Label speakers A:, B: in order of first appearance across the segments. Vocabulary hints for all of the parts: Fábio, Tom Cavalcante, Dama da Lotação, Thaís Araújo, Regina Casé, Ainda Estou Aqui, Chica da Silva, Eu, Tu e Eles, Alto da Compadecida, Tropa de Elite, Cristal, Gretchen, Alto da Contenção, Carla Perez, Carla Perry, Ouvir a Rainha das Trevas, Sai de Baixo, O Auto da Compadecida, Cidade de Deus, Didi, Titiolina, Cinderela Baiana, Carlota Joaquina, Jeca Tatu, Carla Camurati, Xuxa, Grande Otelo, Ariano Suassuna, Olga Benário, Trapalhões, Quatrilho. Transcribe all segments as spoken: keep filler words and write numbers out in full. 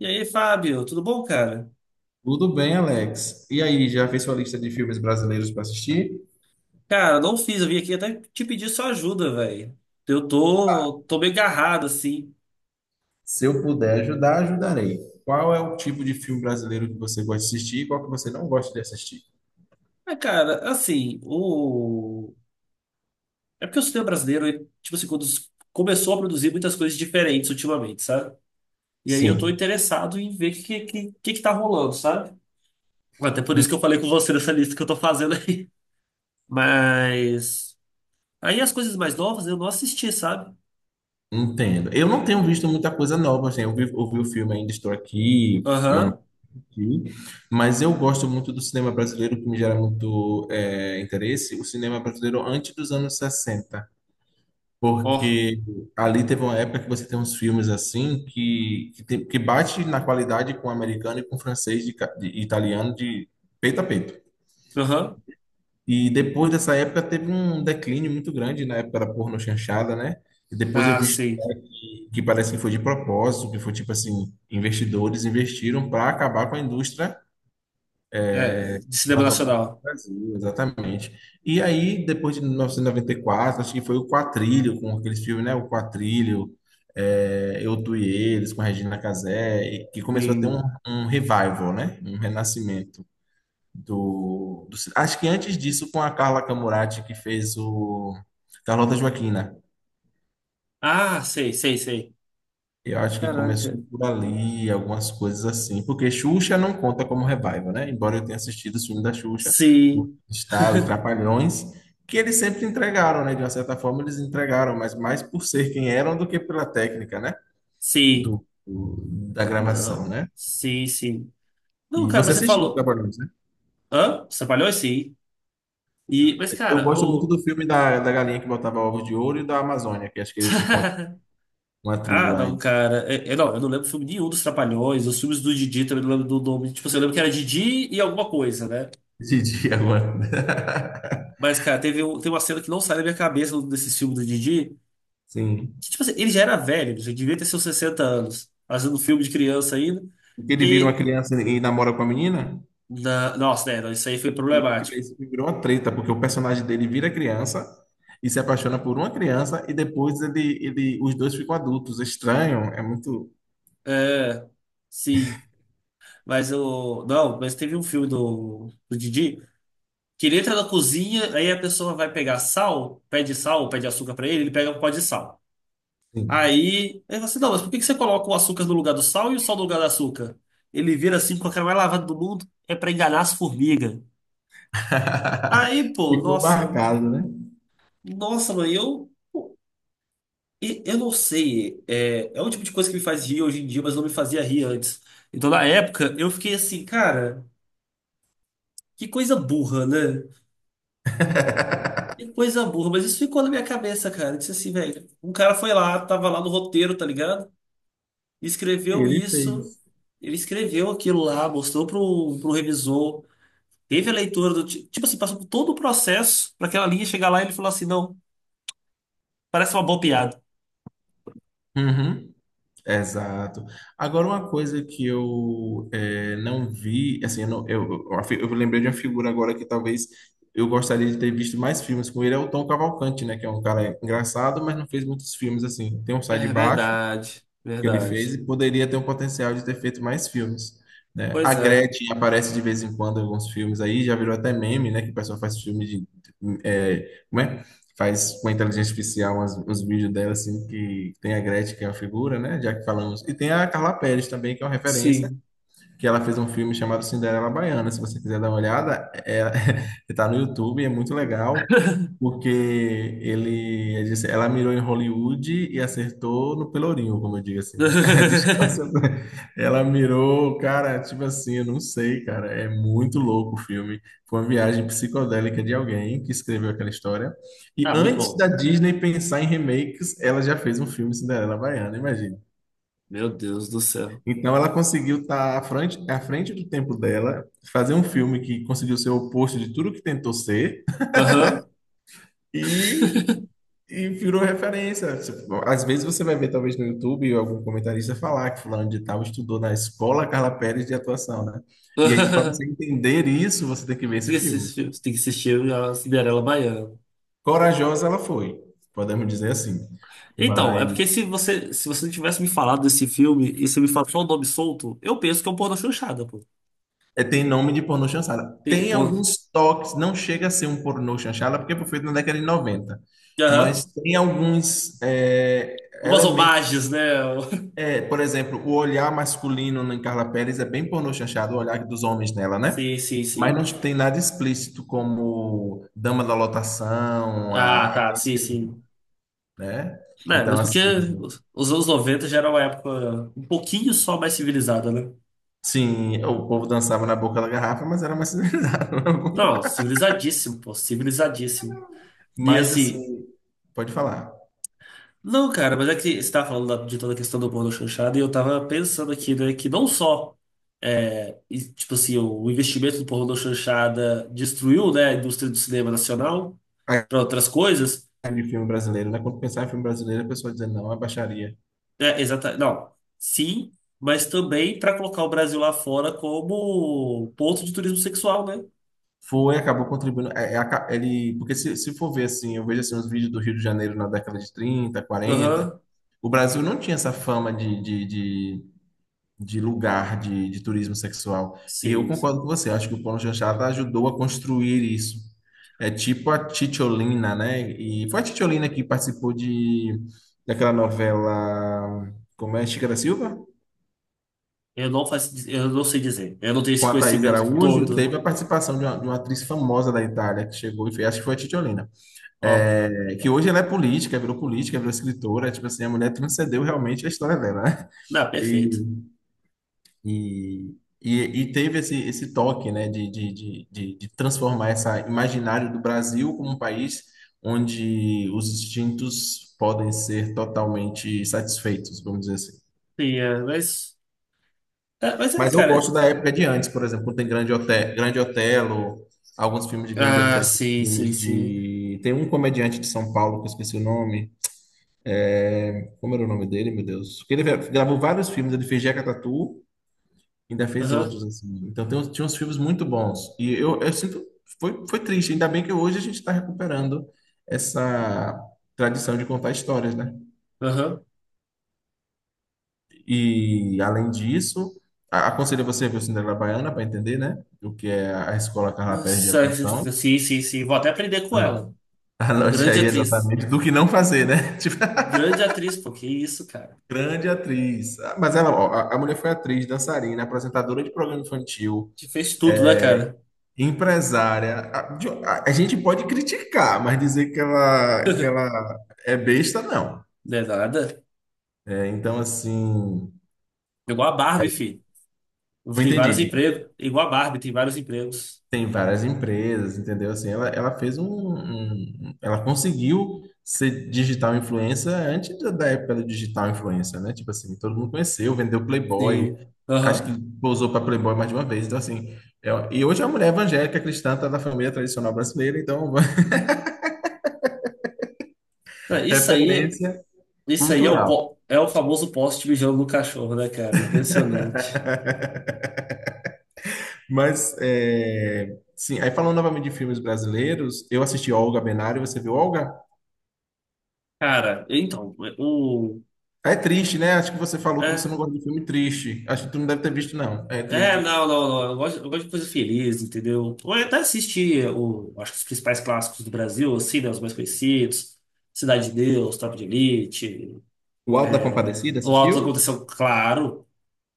A: E aí, Fábio, tudo bom, cara?
B: Tudo bem, Alex. E aí, já fez sua lista de filmes brasileiros para assistir?
A: Cara, não fiz, eu vim aqui até te pedir sua ajuda, velho. Eu tô, tô meio agarrado, assim.
B: Se eu puder ajudar, ajudarei. Qual é o tipo de filme brasileiro que você gosta de assistir e qual que você não gosta de assistir?
A: Mas, cara, assim, o. É porque o cinema brasileiro, ele, tipo assim, quando começou a produzir muitas coisas diferentes ultimamente, sabe? E aí eu tô
B: Sim,
A: interessado em ver o que, que, que que tá rolando, sabe? Até por isso
B: en-
A: que eu falei com você nessa lista que eu tô fazendo aí. Mas. Aí as coisas mais novas eu não assisti, sabe?
B: entendo. Eu não tenho visto muita coisa nova, assim. Eu vi, eu vi o filme Ainda Estou Aqui, não não
A: Aham.
B: aqui, mas eu gosto muito do cinema brasileiro, que me gera muito eh, interesse, o cinema brasileiro antes dos anos sessenta.
A: Ó.
B: Porque ali teve uma época que você tem uns filmes assim que, que, tem- que bate na qualidade com o americano e com o francês, de, ca- de italiano, de peito a peito.
A: Aham.
B: E depois dessa época teve um declínio muito grande na época da porno chanchada, né? E depois eu
A: Ah,
B: vi
A: sim.
B: história que, que parece que foi de propósito, que foi tipo assim, investidores investiram para acabar com a indústria
A: É, de cinema
B: cinematográfico do
A: nacional.
B: Brasil, exatamente. E aí, depois de mil novecentos e noventa e quatro, acho que foi o Quatrilho, com aqueles filmes, né? O Quatrilho, é, Eu, Tu e Eles, com a Regina Casé, e que começou a ter um,
A: Sim.
B: um revival, né? Um renascimento do, do... ci- acho que antes disso, com a Carla Camurati, que fez o Carlota Joaquina.
A: Ah, sei, sei, sei.
B: Eu acho que começou
A: Caraca.
B: por ali, algumas coisas assim, porque Xuxa não conta como revival, né? Embora eu tenha assistido os filmes da Xuxa, o
A: Sim,
B: Cristal e Trapalhões, que eles sempre entregaram, né? De uma certa forma, eles entregaram, mas mais por ser quem eram do que pela técnica, né?
A: sim.
B: Do, do- da
A: Não.
B: gravação, né?
A: Sim, sim. Não,
B: E
A: cara,
B: você
A: mas você
B: assistiu
A: falou.
B: Trapalhões, né?
A: Hã? Você trabalhou? Sim. E, mas,
B: Eu
A: cara,
B: gosto muito do
A: eu.
B: filme da, da galinha que botava ovos de ouro e da Amazônia, que acho que eles encontram uma tribo
A: Ah,
B: lá
A: não,
B: em
A: cara. É- é, não, eu não lembro filme nenhum dos Trapalhões. Os filmes do Didi também não lembro do nome. Tipo assim, eu lembro que era Didi e alguma coisa, né?
B: Didi agora.
A: Mas, cara, teve um, tem uma cena que não sai da minha cabeça desse filme do Didi.
B: Sim.
A: Que, tipo assim, ele já era velho, ele já devia ter seus sessenta anos, fazendo filme de criança ainda.
B: Porque ele vira uma
A: que
B: criança e namora com a menina?
A: Na- Nossa, né? Isso aí foi
B: Tem um, que
A: problemático.
B: esse filme virou uma treta, porque o personagem dele vira criança e se apaixona por uma criança e depois ele, ele, os dois ficam adultos. Estranho, é muito.
A: É, sim. Mas eu. Não, mas teve um filme do, do, Didi que ele entra na cozinha, aí a pessoa vai pegar sal, pede sal, pede açúcar pra ele, ele pega um pó de sal.
B: Sim.
A: Aí ele fala assim: não, mas por que que você coloca o açúcar no lugar do sal e o sal no lugar do açúcar? Ele vira assim com a cara mais lavada do mundo, é pra enganar as formigas. Aí, pô,
B: Ficou
A: nossa,
B: marcado, né?
A: nossa, mãe, eu. E eu não sei, é, é um tipo de coisa que me faz rir hoje em dia, mas não me fazia rir antes. Então, na época, eu fiquei assim, cara, que coisa burra, né? Que coisa burra, mas isso ficou na minha cabeça, cara. Eu disse assim, velho, um cara foi lá, tava lá no roteiro, tá ligado? Escreveu
B: Ele
A: isso,
B: fez.
A: ele escreveu aquilo lá, mostrou pro, pro revisor, teve a leitura do. ti- Tipo assim, passou por todo o processo pra aquela linha chegar lá e ele falou assim: não, parece uma boa piada.
B: Uhum, exato. Agora, uma coisa que eu eh, não vi, assim, eu, não- eu, eu, a fi- eu lembrei de uma figura agora que talvez eu gostaria de ter visto mais filmes com ele, é o Tom Cavalcante, né? Que é um cara engraçado, mas não fez muitos filmes, assim. Tem um Sai de
A: É
B: Baixo,
A: verdade,
B: que ele fez
A: verdade.
B: e poderia ter um potencial de ter feito mais filmes, né? A
A: Pois é,
B: Gretchen aparece de vez em quando em alguns filmes aí, já virou até meme, né? Que o pessoal faz filme de... É, como é? Faz com a inteligência artificial umas- uns vídeos dela, assim, que tem a Gretchen, que é uma figura, né? Já que falamos. E tem a Carla Perez também, que é uma referência,
A: sim.
B: que ela fez um filme chamado Cinderela Baiana. Se você quiser dar uma olhada, é, tá no YouTube, é muito legal. Porque ele, ele disse- ela mirou em Hollywood e acertou no pelourinho, como eu digo assim, né? A distância, ela mirou, cara, tipo assim, eu não sei, cara, é muito louco o filme. Foi uma viagem psicodélica de alguém que escreveu aquela história. E
A: Ah, muito
B: antes da
A: bom.
B: Disney pensar em remakes, ela já fez um filme Cinderela Baiana, imagina.
A: Meu Deus do céu.
B: Então ela conseguiu estar à frente, à frente do tempo dela, fazer um filme que conseguiu ser o oposto de tudo que tentou ser.
A: Aham.
B: E E virou referência. Tipo, às vezes você vai ver, talvez, no YouTube, algum comentarista falar que fulano de tal estudou na escola Carla Pérez de atuação, né? E aí, para você entender isso, você tem que ver esse
A: Tem que
B: filme.
A: assistir, tem que assistir a Cinderela Baiana.
B: Corajosa ela foi, podemos dizer assim.
A: Então, é
B: Mas
A: porque se você, se você não tivesse me falado desse filme e você me fala só o nome solto, eu penso que é um pornô chanchada, pô.
B: é, tem nome de pornô chanchada.
A: Tem-
B: Tem
A: pô.
B: alguns toques, não chega a ser um pornô chanchada, porque foi feito na década de noventa. Mas
A: Aham.
B: tem alguns é,
A: Umas
B: elementos.
A: homagens, né?
B: É, por exemplo, o olhar masculino em Carla Pérez é bem pornô chanchado, o olhar dos homens nela, né?
A: Sim, sim,
B: Mas
A: sim.
B: não tem nada explícito como Dama da Lotação,
A: Ah,
B: a-
A: tá,
B: aqueles
A: sim,
B: filmes,
A: sim.
B: né?
A: É,
B: Então,
A: mas porque
B: assim,
A: os anos noventa já era uma época um pouquinho só mais civilizada, né?
B: sim, o povo dançava na boca da garrafa, mas era mais civilizado.
A: Não, civilizadíssimo, pô, civilizadíssimo. E
B: Mas, assim,
A: assim,
B: pode falar.
A: não, cara, mas é que você tava falando da- de toda a questão do bolo chanchado e eu tava pensando aqui, né, que não só, é, e, tipo assim, o investimento do pornô chanchada destruiu, né, a indústria do cinema nacional
B: Aí,
A: para outras coisas,
B: de filme brasileiro, né? Quando pensar em filme brasileiro, a pessoa dizendo não, é baixaria.
A: né, exata, não, sim, mas também para colocar o Brasil lá fora como ponto de turismo sexual, né?
B: Foi, acabou contribuindo. É, é, aca- ele, porque se, se for ver assim, eu vejo assim, os vídeos do Rio de Janeiro na década de trinta, quarenta.
A: Aham,
B: O Brasil não tinha essa fama de, de, de, de lugar de, de turismo sexual. E eu
A: sim, sim.
B: concordo com você, acho que o Paulo Chanchada ajudou a construir isso. É tipo a Titiolina, né? E foi a Titiolina que participou de, daquela novela, como é, Chica da Silva?
A: Eu não faço, eu não sei dizer, eu não tenho
B: Com
A: esse
B: a Thaís
A: conhecimento
B: Araújo,
A: todo,
B: teve a participação de uma, de uma atriz famosa da Itália que chegou e fez, acho que foi a Titiolina.
A: ó,
B: É, que hoje ela é política, virou política, virou escritora, tipo assim, a mulher transcendeu realmente a história dela, né?
A: não,
B: E
A: perfeito.
B: E, e, e teve esse, esse toque, né, de, de, de, de, de transformar essa imaginário do Brasil como um país onde os instintos podem ser totalmente satisfeitos, vamos dizer assim.
A: Sim, é, mas. É, mas é,
B: Mas eu gosto
A: cara.
B: da época de antes, por exemplo, quando tem Grande Otelo, Grande Otelo, alguns filmes de Grande
A: Ah,
B: Otelo,
A: sim, sim,
B: filmes
A: sim.
B: de... Tem um comediante de São Paulo, que eu esqueci o nome. Como era o nome dele, meu Deus? Ele gravou vários filmes, ele fez Jeca Tatu, ainda fez
A: Aham,
B: outros, assim. Então tem, uns- tinha uns filmes muito bons. E eu, eu sinto, foi, foi triste. Ainda bem que hoje a gente está recuperando essa tradição de contar histórias, né?
A: aham.
B: E além disso, a- aconselho você a ver o Cinderela Baiana para entender, né? O que é a escola Carla Perez de
A: Nossa.
B: atuação.
A: Sim, sim, sim. Vou até aprender com ela.
B: Ano- Anote
A: Grande
B: aí
A: atriz.
B: exatamente do que não fazer, né? Tipo,
A: Grande atriz, pô. Que isso, cara.
B: grande atriz. Ah, mas ela, ó, a a mulher foi atriz, dançarina, apresentadora de programa infantil.
A: Te fez tudo, né, cara?
B: Empresária, a, de- a- a gente pode criticar, mas dizer que ela, que ela é besta, não.
A: Não é nada.
B: É, então, assim,
A: Igual a Barbie,
B: aí-
A: filho.
B: não
A: Tem
B: entendi,
A: vários
B: diga.
A: empregos. Igual a Barbie, tem vários empregos.
B: Tem várias empresas, entendeu? Assim, ela, ela fez um, um- ela conseguiu ser digital influencer antes da, da época do digital influencer, né? Tipo assim, todo mundo conheceu, vendeu Playboy,
A: Sim.
B: acho
A: Aham.
B: que pousou para Playboy mais de uma vez. Então, assim, é- e hoje é uma mulher evangélica cristã, tá da família tradicional brasileira, então,
A: É, isso aí,
B: referência
A: isso aí é o,
B: cultural.
A: po- é o famoso poste mijando no cachorro, né, cara? Impressionante.
B: Mas, é, sim, aí falando novamente de filmes brasileiros, eu assisti Olga Benário, você viu Olga?
A: Cara, então, o.
B: É triste, né? Acho que você falou que você não
A: é,
B: gosta de filme triste. Acho que tu não deve ter visto, não. É triste
A: É,
B: o filme.
A: não, não, não. Eu gosto, eu gosto de coisa feliz, entendeu? Eu até assisti, o, acho que os principais clássicos do Brasil, assim, né? Os mais conhecidos. Cidade de Deus, Tropa de Elite.
B: O Alto da Compadecida,
A: O Alto da
B: assistiu?
A: Contenção, claro.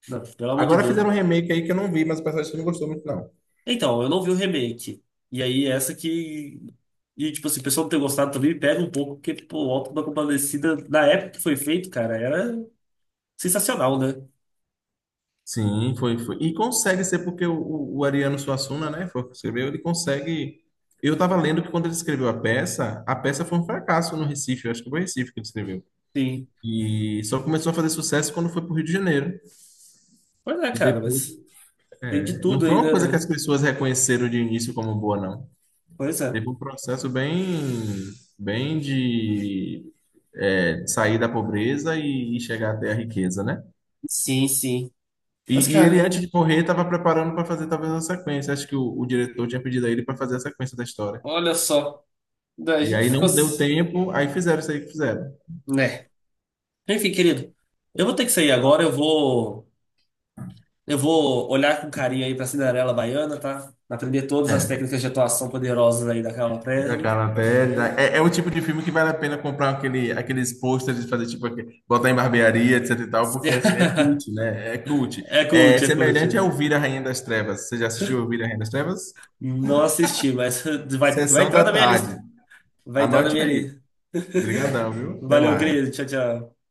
A: Não, pelo amor de
B: Agora fizeram um
A: Deus.
B: remake aí que eu não vi, mas o pessoal disse que não gostou muito, não.
A: Então, eu não vi o remake. E aí, essa que. E, tipo assim, o pessoal não ter gostado também me pega um pouco, porque, pô, o Alto da Compadecida, na época que foi feito, cara, era sensacional, né?
B: Sim, foi, foi. E consegue ser porque o, o- o Ariano Suassuna, né, foi o que escreveu, ele consegue... Eu estava lendo que quando ele escreveu a peça, a peça foi um fracasso no Recife, eu acho que foi Recife que ele escreveu.
A: Sim.
B: E só começou a fazer sucesso quando foi para o Rio de Janeiro.
A: Pois é,
B: E
A: cara,
B: depois,
A: mas tem de
B: é, não
A: tudo
B: foi
A: aí,
B: uma
A: né,
B: coisa que as
A: velho?
B: pessoas reconheceram de início como boa, não.
A: Pois é.
B: Teve um processo bem, bem de é, sair da pobreza e, e chegar até a riqueza, né?
A: Sim, sim.
B: E,
A: Mas,
B: e ele,
A: cara,
B: antes de morrer, estava preparando para fazer talvez uma sequência. Acho que o, o diretor tinha pedido a ele para fazer a sequência da história.
A: olha só. Daí a
B: E
A: gente
B: aí
A: ficou.
B: não deu
A: s-
B: tempo, aí fizeram isso aí que fizeram.
A: Né? Enfim, querido, eu vou ter que sair agora. Eu vou, eu vou olhar com carinho aí pra Cinderela Baiana, tá? Aprender todas as técnicas de atuação poderosas aí da Carla
B: Da
A: Perry.
B: Carla Pérez. É, é o tipo de filme que vale a pena comprar aquele, aqueles posters de fazer tipo aqui, botar em barbearia, etc e tal, porque assim é cult, né? É cult.
A: É
B: É
A: cult, é cult.
B: semelhante a Ouvir a Rainha das Trevas. Você já assistiu Ouvir a Rainha das Trevas?
A: Não assisti, mas vai, vai
B: Sessão
A: entrar
B: da
A: na minha
B: tarde.
A: lista. Vai entrar na
B: Anote
A: minha
B: aí.
A: lista.
B: Obrigadão, viu? Até
A: Valeu,
B: mais.
A: querido. Tchau, tchau.